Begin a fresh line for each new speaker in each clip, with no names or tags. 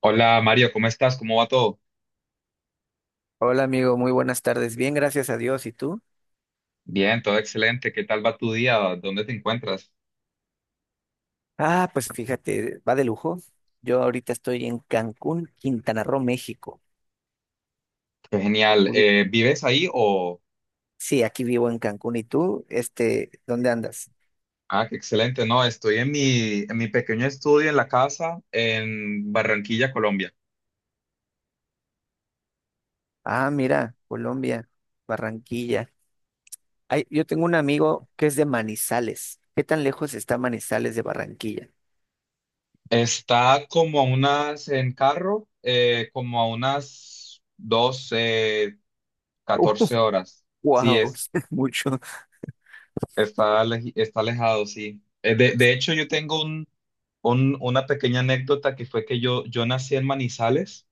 Hola Mario, ¿cómo estás? ¿Cómo va todo?
Hola amigo, muy buenas tardes. Bien, gracias a Dios. ¿Y tú?
Bien, todo excelente. ¿Qué tal va tu día? ¿Dónde te encuentras?
Ah, pues fíjate, va de lujo. Yo ahorita estoy en Cancún, Quintana Roo, México.
Qué genial.
Ubi-
¿Vives ahí o...?
Sí, aquí vivo en Cancún. ¿Y tú? ¿Dónde andas?
Ah, qué excelente. No, estoy en mi pequeño estudio en la casa en Barranquilla, Colombia.
Ah, mira, Colombia, Barranquilla. Ay, yo tengo un amigo que es de Manizales. ¿Qué tan lejos está Manizales de Barranquilla?
Está como a unas, en carro, como a unas 12, 14 horas. Sí,
Wow, mucho.
está, está alejado, sí. De hecho, yo tengo una pequeña anécdota que fue que yo nací en Manizales,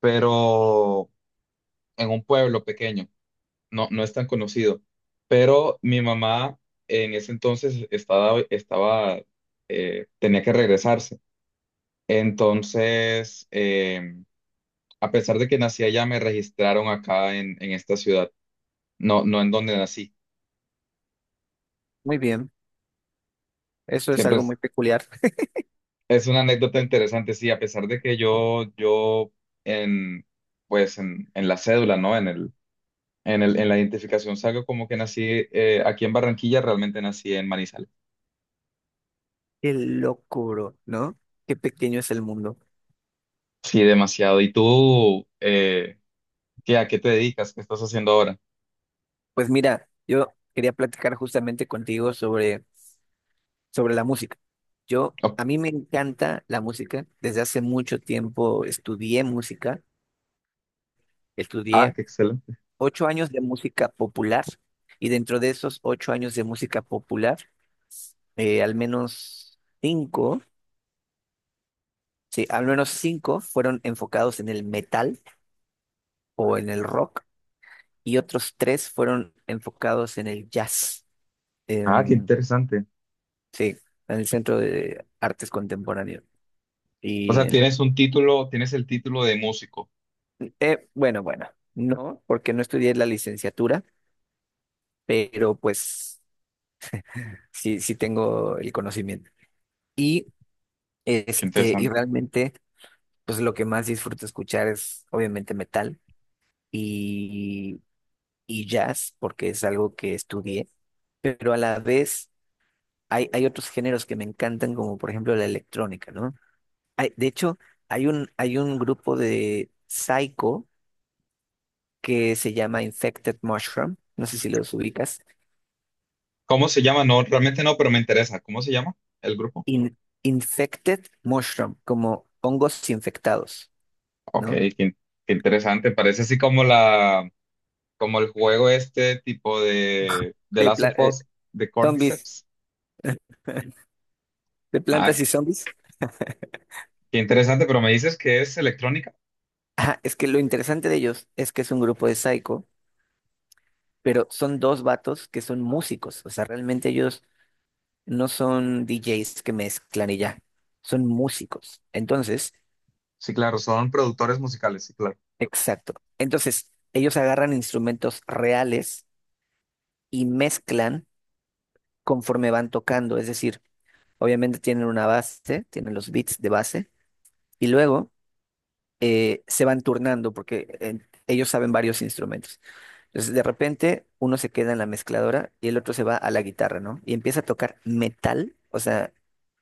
pero en un pueblo pequeño, no, no es tan conocido. Pero mi mamá en ese entonces tenía que regresarse. Entonces, a pesar de que nací allá, me registraron acá en esta ciudad, no, no en donde nací.
Muy bien. Eso es
Siempre
algo
es,
muy peculiar.
es una anécdota interesante, sí, a pesar de que yo, en, pues en la cédula, ¿no? En la identificación salgo como que nací aquí en Barranquilla, realmente nací en Manizales.
Qué locuro, ¿no? Qué pequeño es el mundo.
Sí, demasiado. ¿Y tú, a qué te dedicas? ¿Qué estás haciendo ahora?
Pues mira, yo quería platicar justamente contigo sobre la música.
Oh,
A mí me encanta la música. Desde hace mucho tiempo estudié música.
ah,
Estudié
qué excelente.
ocho años de música popular y dentro de esos ocho años de música popular, al menos al menos cinco fueron enfocados en el metal o en el rock y otros tres fueron enfocados en el jazz.
Ah, qué
Em,
interesante.
sí, en el Centro de Artes Contemporáneas.
O
Y
sea, tienes un título, tienes el título de músico.
bueno, no, porque no estudié la licenciatura, pero pues sí, tengo el conocimiento. Y
Qué
y
interesante.
realmente, pues lo que más disfruto escuchar es obviamente metal y, y jazz, porque es algo que estudié, pero a la vez hay otros géneros que me encantan, como por ejemplo la electrónica, ¿no? Hay, de hecho, hay un grupo de psycho que se llama Infected Mushroom, no sé si los ubicas.
¿Cómo se llama? No, realmente no, pero me interesa. ¿Cómo se llama el grupo?
In- infected mushroom, como hongos infectados,
Ok,
¿no?
qué interesante. Parece así como el juego, este tipo de
De
Last
pla-
of
eh,
Us, de
Zombies,
Cordyceps.
de
Ah,
plantas y zombies.
qué interesante, pero me dices que es electrónica.
Ajá, es que lo interesante de ellos es que es un grupo de psycho, pero son dos vatos que son músicos, o sea, realmente ellos no son DJs que mezclan y ya, son músicos. Entonces,
Sí, claro, son productores musicales, sí, claro.
exacto. Entonces, ellos agarran instrumentos reales y mezclan conforme van tocando, es decir, obviamente tienen una base, tienen los beats de base. Y luego se van turnando porque ellos saben varios instrumentos. Entonces, de repente, uno se queda en la mezcladora y el otro se va a la guitarra, ¿no? Y empieza a tocar metal, o sea,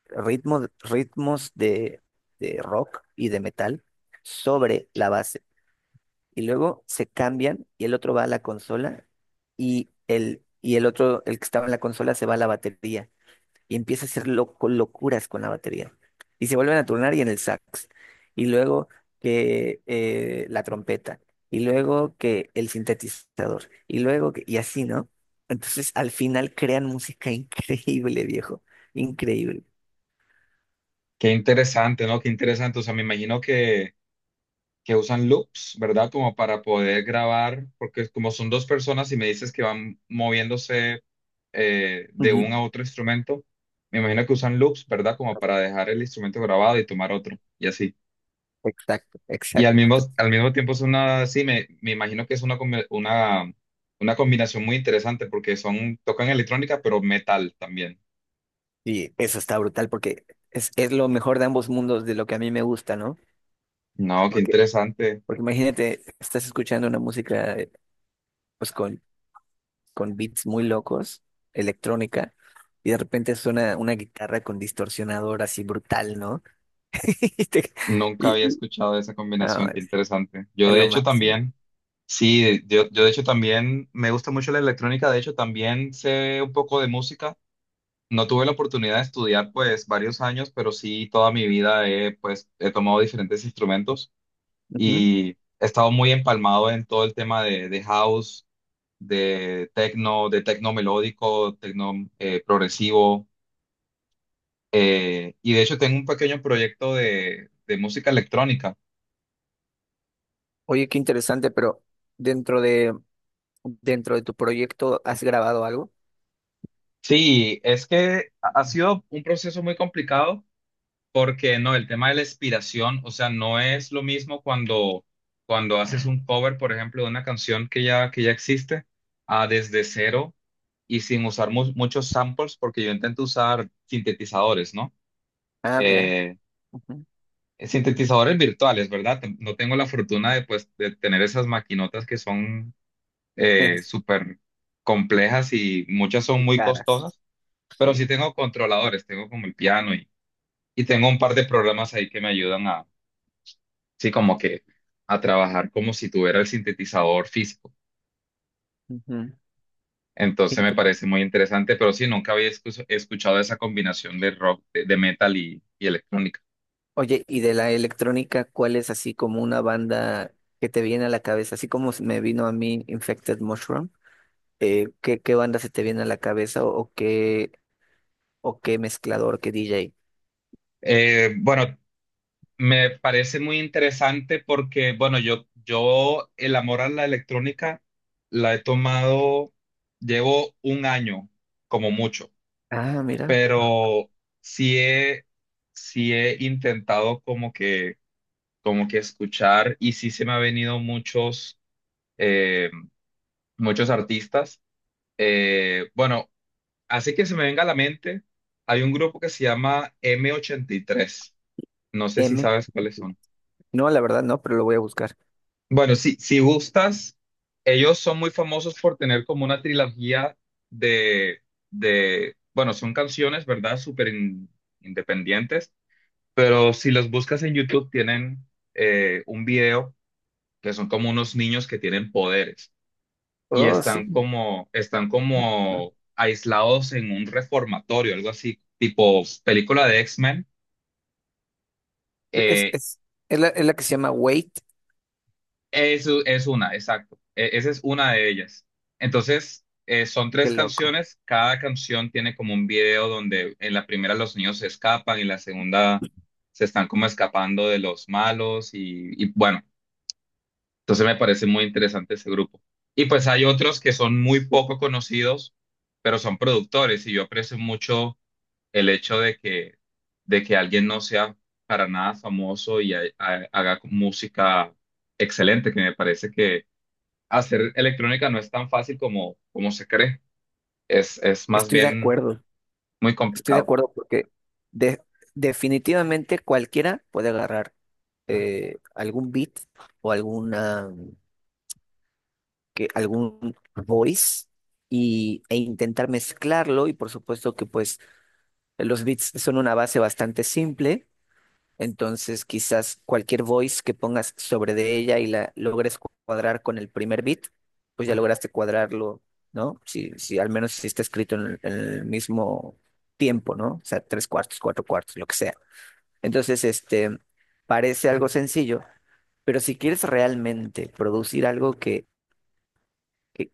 ritmos de rock y de metal sobre la base. Y luego se cambian y el otro va a la consola y el otro, el que estaba en la consola, se va a la batería y empieza a hacer locuras con la batería. Y se vuelven a turnar y en el sax. Y luego que la trompeta. Y luego que el sintetizador. Y luego y así, ¿no? Entonces al final crean música increíble, viejo. Increíble.
Qué interesante, ¿no? Qué interesante. O sea, me imagino que usan loops, ¿verdad? Como para poder grabar, porque como son dos personas y me dices que van moviéndose de
Ujú.
un a otro instrumento, me imagino que usan loops, ¿verdad? Como para dejar el instrumento grabado y tomar otro, y así.
Exacto,
Y al mismo,
exacto.
al mismo tiempo sí, me imagino que es una combinación muy interesante porque son, tocan electrónica, pero metal también.
Y eso está brutal porque es lo mejor de ambos mundos de lo que a mí me gusta, ¿no?
No, qué
Porque,
interesante.
porque imagínate, estás escuchando una música pues con beats muy locos, electrónica, y de repente suena una guitarra con distorsionador así brutal, ¿no? Y, te-
Nunca
y-
había
y-
escuchado esa
no,
combinación, qué interesante. Yo
es
de
lo
hecho
máximo.
también, sí, yo de hecho también me gusta mucho la electrónica, de hecho también sé un poco de música. No tuve la oportunidad de estudiar pues varios años, pero sí toda mi vida he pues he tomado diferentes instrumentos
Ujú.
y he estado muy empalmado en todo el tema de house, de techno melódico, techno progresivo, y de hecho tengo un pequeño proyecto de música electrónica.
Oye, qué interesante, pero dentro de, dentro de tu proyecto, ¿has grabado algo?
Sí, es que ha sido un proceso muy complicado porque no, el tema de la inspiración, o sea, no es lo mismo cuando haces un cover, por ejemplo, de una canción que ya existe, a desde cero y sin usar muchos samples, porque yo intento usar sintetizadores, ¿no?
Ah, mira.
Eh,
Ujú.
sintetizadores virtuales, ¿verdad? No tengo la fortuna de, pues, de tener esas maquinotas que son súper complejas y muchas son
Y
muy
caras.
costosas. Pero sí
Sí.
tengo controladores, tengo como el piano, y tengo un par de programas ahí que me ayudan a, sí, como que a trabajar como si tuviera el sintetizador físico.
Ujú. Qué
Entonces me parece
interesante.
muy interesante, pero sí, nunca había escuchado esa combinación de rock, de metal y electrónica.
Oye, y de la electrónica, ¿cuál es así como una banda que te viene a la cabeza? Así como me vino a mí Infected Mushroom. ¿ Qué banda se te viene a la cabeza o qué mezclador, qué DJ?
Bueno, me parece muy interesante porque, bueno, yo el amor a la electrónica la he tomado, llevo un año como mucho,
Ah, mira,
pero sí he, sí he intentado como que escuchar y sí se me ha venido eh, muchos artistas. Bueno, así que se me venga a la mente, hay un grupo que se llama M83. No sé si
M.
sabes cuáles son.
No, la verdad no, pero lo voy a buscar.
Bueno, si gustas, ellos son muy famosos por tener como una trilogía de, bueno, son canciones, ¿verdad? Súper independientes. Pero si los buscas en YouTube, tienen un video que son como unos niños que tienen poderes y
Oh, sí.
están como aislados en un reformatorio, algo así, tipo película de X-Men.
Es,
Eh,
es, es la que se llama Wait,
exacto. Esa es una de ellas. Entonces, son
qué
tres
loco.
canciones. Cada canción tiene como un video donde en la primera los niños se escapan y en la segunda se están como escapando de los malos, y bueno. Entonces me parece muy interesante ese grupo. Y pues hay otros que son muy poco conocidos, pero son productores y yo aprecio mucho el hecho de que alguien no sea para nada famoso y haga música excelente, que me parece que hacer electrónica no es tan fácil como se cree. Es más
Estoy de
bien
acuerdo,
muy
estoy de
complicado.
acuerdo porque de- definitivamente cualquiera puede agarrar algún beat o algún voice e intentar mezclarlo y por supuesto que pues los beats son una base bastante simple, entonces quizás cualquier voice que pongas sobre de ella y la logres cuadrar con el primer beat, pues ya lograste cuadrarlo, ¿no? Si, si al menos si está escrito en el mismo tiempo, ¿no? O sea, tres cuartos, cuatro cuartos, lo que sea. Entonces, parece algo sencillo, pero si quieres realmente producir algo que,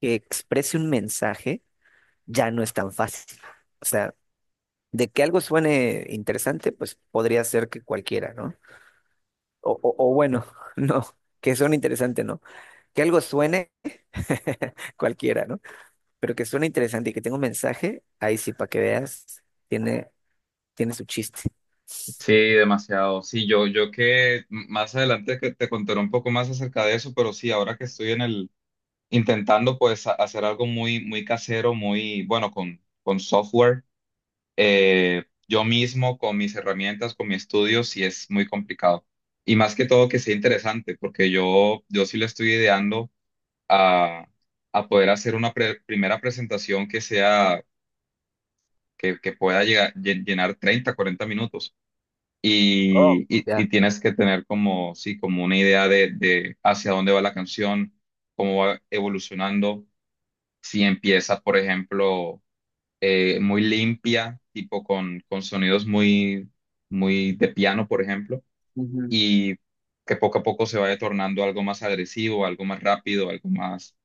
que exprese un mensaje, ya no es tan fácil. O sea, de que algo suene interesante, pues podría ser que cualquiera, ¿no? O bueno, no, que suene interesante, ¿no? Que algo suene cualquiera, ¿no? Pero que suene interesante y que tenga un mensaje, ahí sí, para que veas, tiene, tiene su chiste.
Sí, demasiado. Sí, yo más adelante que te contaré un poco más acerca de eso, pero sí, ahora que estoy en el intentando pues hacer algo muy, muy casero, muy bueno con software. Yo mismo, con mis herramientas, con mi estudio, sí es muy complicado. Y más que todo que sea interesante, porque yo sí le estoy ideando a, a poder hacer una primera presentación que sea, que pueda llegar, llenar 30, 40 minutos.
Oh,
Y, y,
ya.
y tienes que tener como, sí, como una idea de hacia dónde va la canción, cómo va evolucionando, si empieza, por ejemplo, muy limpia, tipo con sonidos muy, muy de piano, por ejemplo,
Ujú,
y que poco a poco se vaya tornando algo más agresivo, algo más rápido, algo más...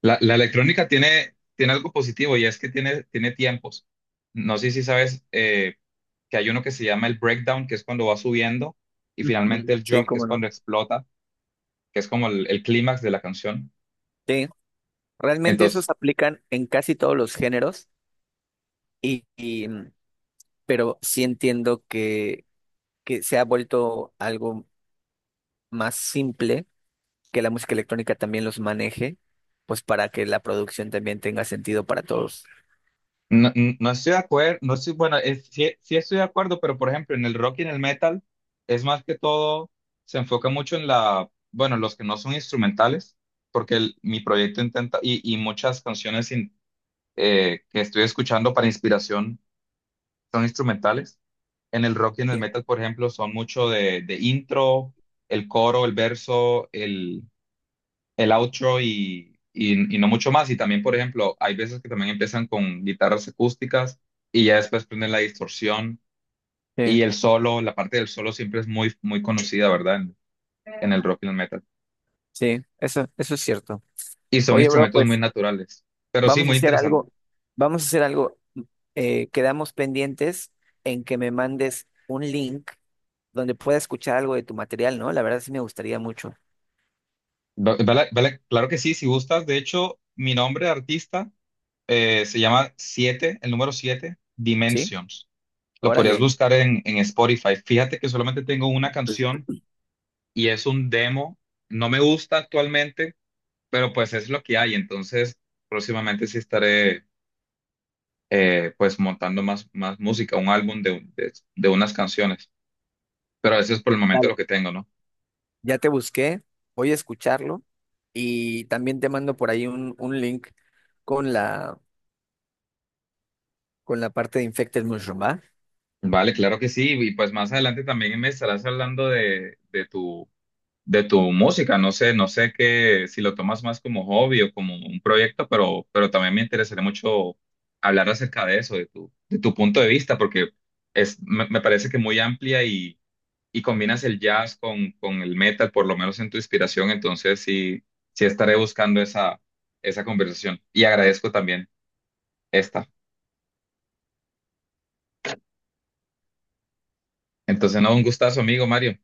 La electrónica tiene algo positivo, y es que tiene tiempos. No sé si sabes, que hay uno que se llama el breakdown, que es cuando va subiendo, y finalmente
ujú.
el
Sí,
drop, que es
cómo no.
cuando explota, que es como el clímax de la canción.
Sí, realmente esos
Entonces,
aplican en casi todos los géneros, y, y, mm, pero sí entiendo que se ha vuelto algo más simple, que la música electrónica también los maneje, pues para que la producción también tenga sentido para todos.
no, no estoy de acuerdo, no estoy, bueno, es- sí, sí estoy de acuerdo, pero por ejemplo, en el rock y en el metal es más que todo, se enfoca mucho en la, bueno, los que no son instrumentales, porque mi proyecto intenta, y muchas canciones que estoy escuchando para inspiración son instrumentales. En el rock y en el
Sí,
metal, por ejemplo, son mucho de intro, el coro, el verso, el outro, y no mucho más. Y también, por ejemplo, hay veces que también empiezan con guitarras acústicas y ya después prenden la distorsión
sí,
y el solo, la parte del solo siempre es muy, muy conocida, ¿verdad? En el rock y el metal.
sí, eso es cierto.
Y son
Oye, bro,
instrumentos muy
pues
naturales, pero sí,
vamos a
muy
hacer
interesante.
algo, vamos a hacer algo. Quedamos pendientes en que me mandes un link donde pueda escuchar algo de tu material, ¿no? La verdad sí me gustaría mucho.
Vale, claro que sí. Si gustas. De hecho, mi nombre de artista, se llama 7, el número 7
¿Sí?
Dimensions. Lo podrías
Órale.
buscar en Spotify. Fíjate que solamente tengo una canción y es un demo. No me gusta actualmente, pero pues es lo que hay. Entonces, próximamente sí estaré, pues montando más música, un álbum de unas canciones. Pero eso es por el momento
Dale.
lo que tengo, ¿no?
Ya te busqué, voy a escucharlo y también te mando por ahí un link con la, con la parte de Infected Mushroom, ¿va?
Vale, claro que sí. Y pues más adelante también me estarás hablando de tu música. No sé qué, si lo tomas más como hobby o como un proyecto, pero también me interesaría mucho hablar acerca de eso, de tu punto de vista, porque es, me parece que muy amplia, y combinas el jazz con el metal, por lo menos en tu inspiración. Entonces, sí, sí estaré buscando esa conversación. Y agradezco también esta. Entonces, no, un gustazo, amigo Mario.